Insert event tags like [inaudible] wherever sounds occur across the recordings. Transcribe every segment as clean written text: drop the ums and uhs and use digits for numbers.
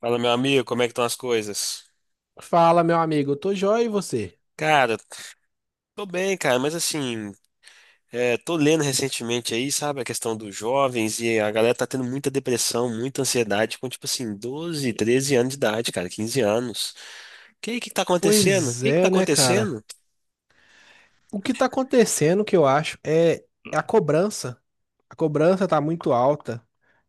Fala, meu amigo, como é que estão as coisas? Fala, meu amigo, eu tô joia e você? Cara, tô bem, cara, mas assim, é, tô lendo recentemente aí, sabe, a questão dos jovens e a galera tá tendo muita depressão, muita ansiedade com, tipo assim, 12, 13 anos de idade, cara, 15 anos. Que tá acontecendo? O Pois que que tá é, né, cara? acontecendo? O que tá acontecendo, que eu acho, é a cobrança. A cobrança tá muito alta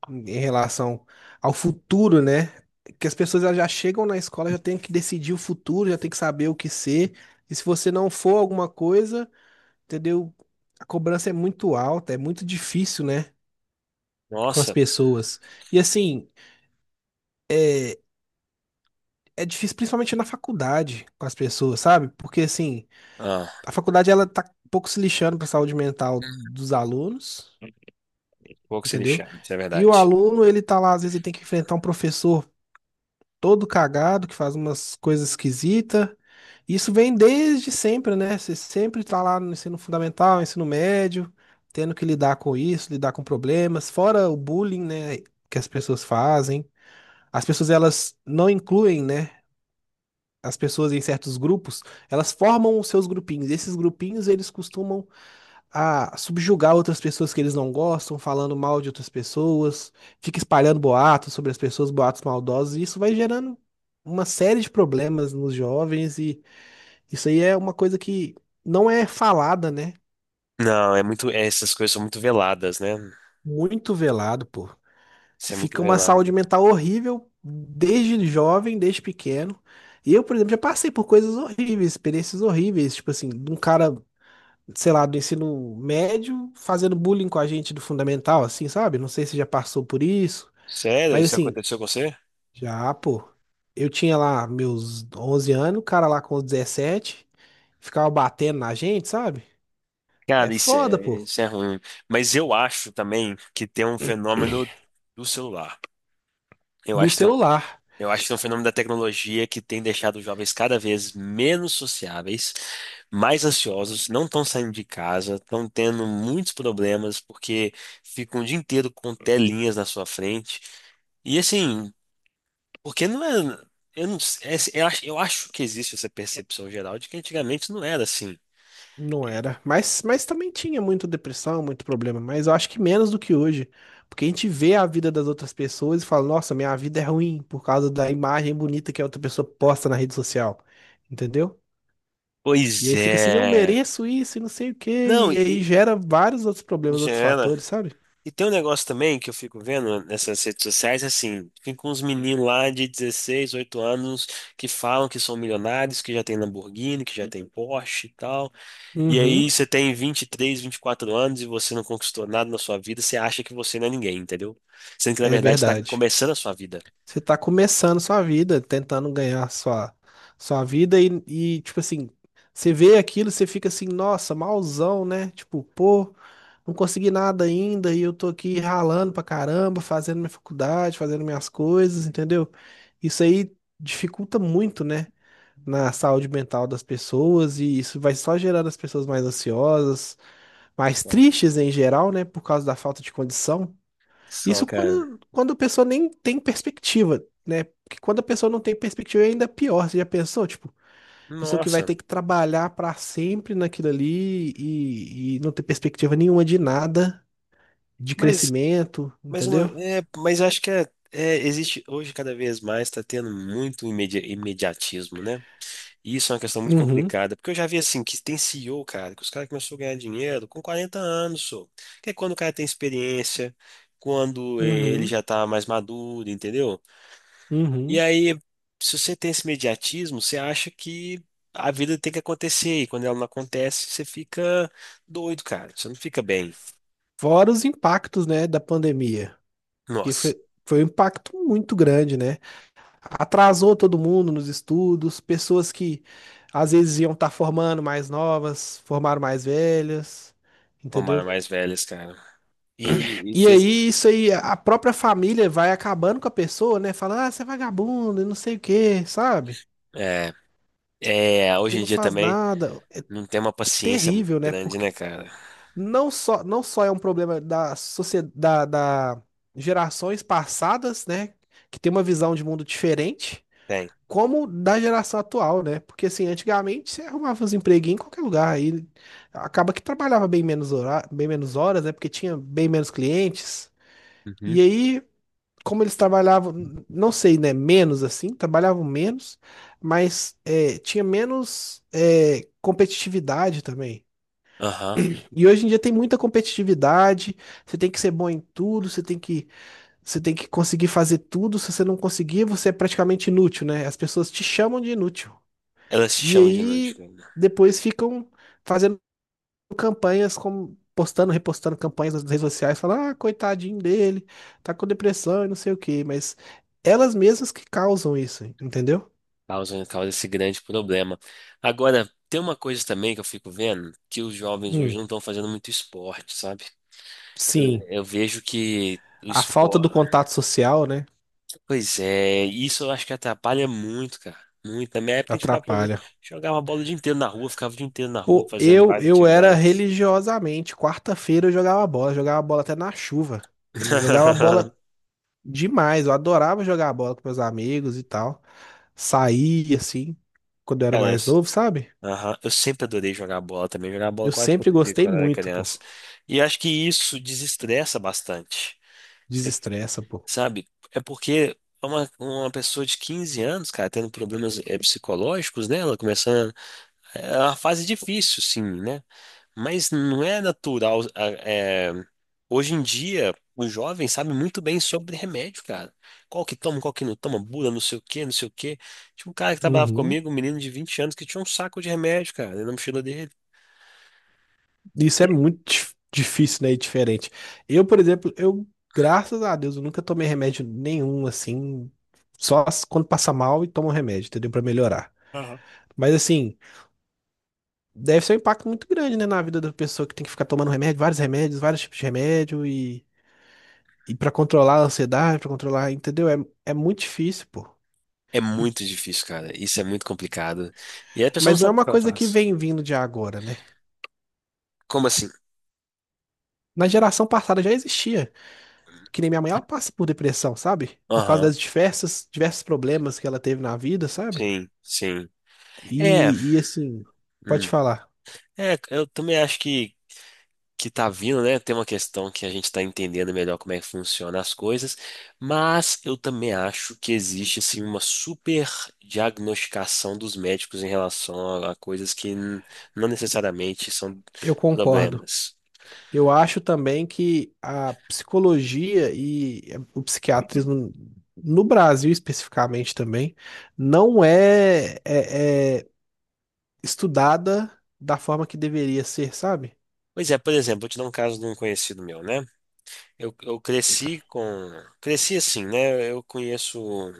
em relação ao futuro, né? Que as pessoas elas já chegam na escola, já tem que decidir o futuro, já tem que saber o que ser. E se você não for alguma coisa, entendeu? A cobrança é muito alta, é muito difícil, né? Com as Nossa, pessoas. E assim, é, é difícil principalmente na faculdade com as pessoas, sabe? Porque assim, ah, a faculdade ela tá um pouco se lixando para a saúde mental dos alunos, pouco se entendeu? lixar, isso é E o verdade. aluno, ele tá lá, às vezes ele tem que enfrentar um professor todo cagado, que faz umas coisas esquisitas. Isso vem desde sempre, né? Você sempre tá lá no ensino fundamental, ensino médio, tendo que lidar com isso, lidar com problemas, fora o bullying, né, que as pessoas fazem. As pessoas elas não incluem, né, as pessoas em certos grupos, elas formam os seus grupinhos. E esses grupinhos, eles costumam a subjugar outras pessoas que eles não gostam, falando mal de outras pessoas, fica espalhando boatos sobre as pessoas, boatos maldosos, e isso vai gerando uma série de problemas nos jovens, e isso aí é uma coisa que não é falada, né? Não, é muito, essas coisas são muito veladas, né? Muito velado, pô. Isso é muito Fica uma saúde velado. mental horrível desde jovem, desde pequeno. E eu, por exemplo, já passei por coisas horríveis, experiências horríveis, tipo assim, de um cara sei lá, do ensino médio fazendo bullying com a gente do fundamental, assim, sabe? Não sei se já passou por isso, Sério? mas Isso assim, aconteceu com você? já, pô. Eu tinha lá meus 11 anos, o cara lá com os 17 ficava batendo na gente, sabe? É Cara, isso foda, é, pô. isso é ruim. Mas eu acho também que tem um fenômeno do celular. Eu Do acho que tem um, celular, eu acho que tem um fenômeno da tecnologia que tem deixado os jovens cada vez menos sociáveis, mais ansiosos, não estão saindo de casa, estão tendo muitos problemas porque ficam o dia inteiro com telinhas na sua frente. E assim, porque não é. Eu, não, sei- é- eu acho que existe essa percepção geral de que antigamente não era assim. não era. Mas também tinha muita depressão, muito problema, mas eu acho que menos do que hoje. Porque a gente vê a vida das outras pessoas e fala, nossa, minha vida é ruim por causa da imagem bonita que a outra pessoa posta na rede social. Entendeu? E Pois aí fica assim, eu é. mereço isso e não sei o quê. Não, E aí e, gera vários outros problemas, já outros era. fatores, sabe? E tem um negócio também que eu fico vendo nessas redes sociais, assim, fica uns meninos lá de 16 8 anos que falam que são milionários, que já tem Lamborghini, que já tem Porsche e tal. E aí Uhum. você tem 20 23 24 anos e você não conquistou nada na sua vida, você acha que você não é ninguém, entendeu? Sendo que na É verdade você tá verdade. começando a sua vida. Você tá começando sua vida, tentando ganhar sua, sua vida e, tipo assim, você vê aquilo, você fica assim, nossa, malzão, né? Tipo, pô, não consegui nada ainda e eu tô aqui ralando pra caramba, fazendo minha faculdade, fazendo minhas coisas, entendeu? Isso aí dificulta muito, né? Na saúde mental das pessoas e isso vai só gerando as pessoas mais ansiosas, mais Só, tristes em geral, né? Por causa da falta de condição. só, Isso cara. quando, quando a pessoa nem tem perspectiva, né? Porque quando a pessoa não tem perspectiva é ainda pior. Você já pensou, tipo, pessoa que vai Nossa. ter que trabalhar pra sempre naquilo ali e não ter perspectiva nenhuma de nada, de Mas, crescimento, mas, uma, entendeu? é, mas acho que existe hoje cada vez mais, tá tendo muito imediatismo, né? Isso é uma questão muito Uhum, complicada, porque eu já vi assim que tem CEO, cara, que os caras começaram a ganhar dinheiro com 40 anos, só. Que é quando o cara tem experiência, quando ele uhum, já tá mais maduro, entendeu? E uhum. aí, se você tem esse mediatismo, você acha que a vida tem que acontecer, e quando ela não acontece, você fica doido, cara. Você não fica bem. Fora os impactos, né, da pandemia, que Nossa, foi, foi um impacto muito grande, né? Atrasou todo mundo nos estudos, pessoas que às vezes iam estar formando mais novas, formaram mais velhas, tomaram entendeu? mais velhas, cara. E, e E fez. aí isso aí, a própria família vai acabando com a pessoa, né? Fala, ah, você é vagabundo, e não sei o quê, sabe? É, é, Você hoje em não dia faz também nada. É não tem uma paciência muito terrível, né? grande, Porque né, cara? não só, não só é um problema da sociedade, da gerações passadas, né? Que tem uma visão de mundo diferente Tem. como da geração atual, né? Porque assim, antigamente você arrumava uns empreguinhos em qualquer lugar, aí acaba que trabalhava bem menos hora, bem menos horas, né? Porque tinha bem menos clientes. Uhum. E aí, como eles trabalhavam, não sei, né? Menos assim, trabalhavam menos, mas é, tinha menos é, competitividade também. Aham. E hoje em dia tem muita competitividade, você tem que ser bom em tudo, você tem que conseguir fazer tudo. Se você não conseguir, você é praticamente inútil, né? As pessoas te chamam de inútil. Elas se E chamam de nudes, aí cara. depois ficam fazendo campanhas como postando, repostando campanhas nas redes sociais, falando, ah, coitadinho dele, tá com depressão e não sei o quê, mas elas mesmas que causam isso, entendeu? Causam, causa esse grande problema. Agora, tem uma coisa também que eu fico vendo, que os jovens hoje Hum, não estão fazendo muito esporte, sabe? Eu, sim, eu vejo que o a falta do esporte. contato social, né, Pois é, isso eu acho que atrapalha muito, cara. Muito. Na minha época a gente ficava jogando, atrapalha. jogava bola o dia inteiro na rua, ficava o dia inteiro na rua Pô, fazendo eu várias eu era atividades. religiosamente, quarta-feira eu jogava bola até na chuva. Eu jogava bola [laughs] demais, eu adorava jogar bola com meus amigos e tal. Saía assim, quando eu era Cara, mais novo, sabe? aham. Eu sempre adorei jogar bola também, jogar bola Eu quase sempre todo dia gostei quando eu era muito, pô. criança. E acho que isso desestressa bastante. Desestressa, pô. Sabe? É porque é uma pessoa de 15 anos, cara, tendo problemas psicológicos, né? Ela começando. É uma fase difícil, sim, né? Mas não é natural. Hoje em dia, o jovem sabe muito bem sobre remédio, cara. Qual que toma, qual que não toma, bula, não sei o quê, não sei o quê. Tinha um cara que trabalhava Uhum. comigo, um menino de 20 anos, que tinha um saco de remédio, cara, na mochila dele. Isso é muito difícil, né? E diferente. Eu, por exemplo, eu, graças a Deus, eu nunca tomei remédio nenhum, assim. Só quando passa mal e toma um remédio, entendeu? Pra melhorar. Aham. Mas, assim, deve ser um impacto muito grande, né? Na vida da pessoa que tem que ficar tomando remédio, vários remédios, vários tipos de remédio e. E pra controlar a ansiedade, pra controlar, entendeu? É, é muito difícil, pô. É E- muito difícil, cara. Isso é muito complicado. E aí a pessoa não mas não é sabe o uma que ela coisa que faz. vem vindo de agora, né? Como assim? Na geração passada já existia. Que nem minha mãe, ela passa por depressão, sabe? Por causa Aham. das diversas, diversos problemas que ela teve na vida, sabe? Sim, sim. É, E assim, pode hum. falar, É, eu também acho que, tá vindo, né? Tem uma questão que a gente tá entendendo melhor como é que funciona as coisas, mas eu também acho que existe, assim, uma super diagnosticação dos médicos em relação a coisas que não necessariamente são eu concordo. problemas. Eu acho também que a psicologia e o psiquiatrismo, no Brasil especificamente também, não é, é estudada da forma que deveria ser, sabe? Pois é, por exemplo, vou te dar um caso de um conhecido meu, né? Eu cresci com... Cresci assim, né? Eu conheço um,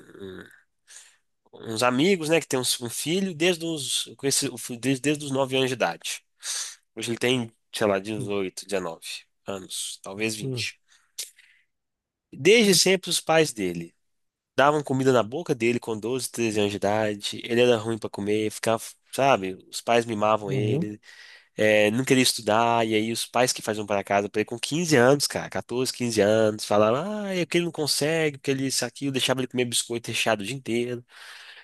uns amigos, né, que tem um filho desde os, com esse, o filho desde os 9 anos de idade. Hoje ele tem, sei lá, Hum, 18 19 anos, talvez hum, 20. Desde sempre os pais dele davam comida na boca dele com 12 13 anos de idade. Ele era ruim para comer, ficava, sabe, os pais mimavam uhum. ele, é, não queria estudar, e aí os pais que faziam para casa para ele com 15 anos, cara, 14 15 anos, falavam, ah, é que ele não consegue, porque ele isso aqui, eu deixava ele comer biscoito recheado o dia inteiro,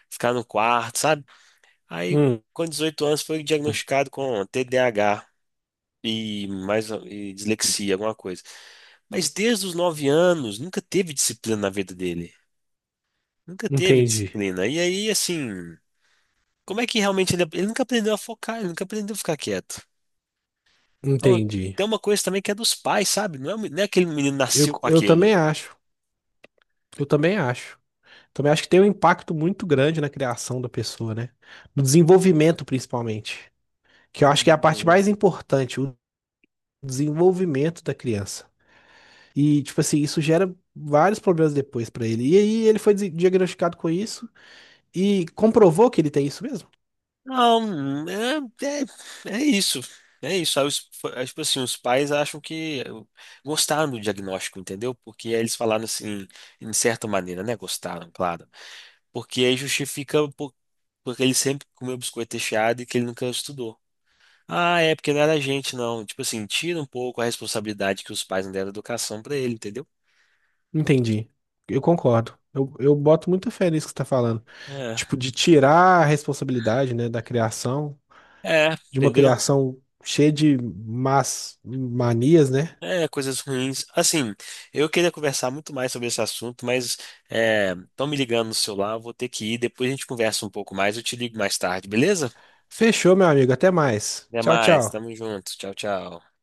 ficar no quarto, sabe? Aí, Hum, com 18 anos, foi diagnosticado com TDAH e mais e dislexia, alguma coisa. Mas desde os 9 anos, nunca teve disciplina na vida dele. Nunca teve entendi, disciplina. E aí, assim, como é que realmente ele, nunca aprendeu a focar, ele nunca aprendeu a ficar quieto. Então, entendi. tem uma coisa também que é dos pais, sabe? Não é, não é aquele menino que Eu, nasceu com eu também aquilo. acho, eu também acho. Também acho que tem um impacto muito grande na criação da pessoa, né? No desenvolvimento, principalmente. Que eu acho que é a parte mais importante, o desenvolvimento da criança. E, tipo assim, isso gera vários problemas depois pra ele. E aí ele foi diagnosticado com isso e comprovou que ele tem isso mesmo. Não, é isso. É isso. Aí, tipo assim, os pais acham que gostaram do diagnóstico, entendeu? Porque aí eles falaram assim, em certa maneira, né? Gostaram, claro. Porque aí justifica porque ele sempre comeu biscoito recheado e que ele nunca estudou. Ah, é porque não era gente, não. Tipo assim, tira um pouco a responsabilidade que os pais não deram educação pra ele, entendeu? Entendi. Eu concordo. Eu boto muita fé nisso que você tá falando. É, Tipo, de tirar a responsabilidade, né, da criação, é, de uma entendeu? criação cheia de más manias, né? É, coisas ruins. Assim, eu queria conversar muito mais sobre esse assunto, mas estão me ligando no celular, eu vou ter que ir. Depois a gente conversa um pouco mais, eu te ligo mais tarde, beleza? Fechou, meu amigo. Até mais. Até Tchau, mais, tchau. tamo junto. Tchau, tchau.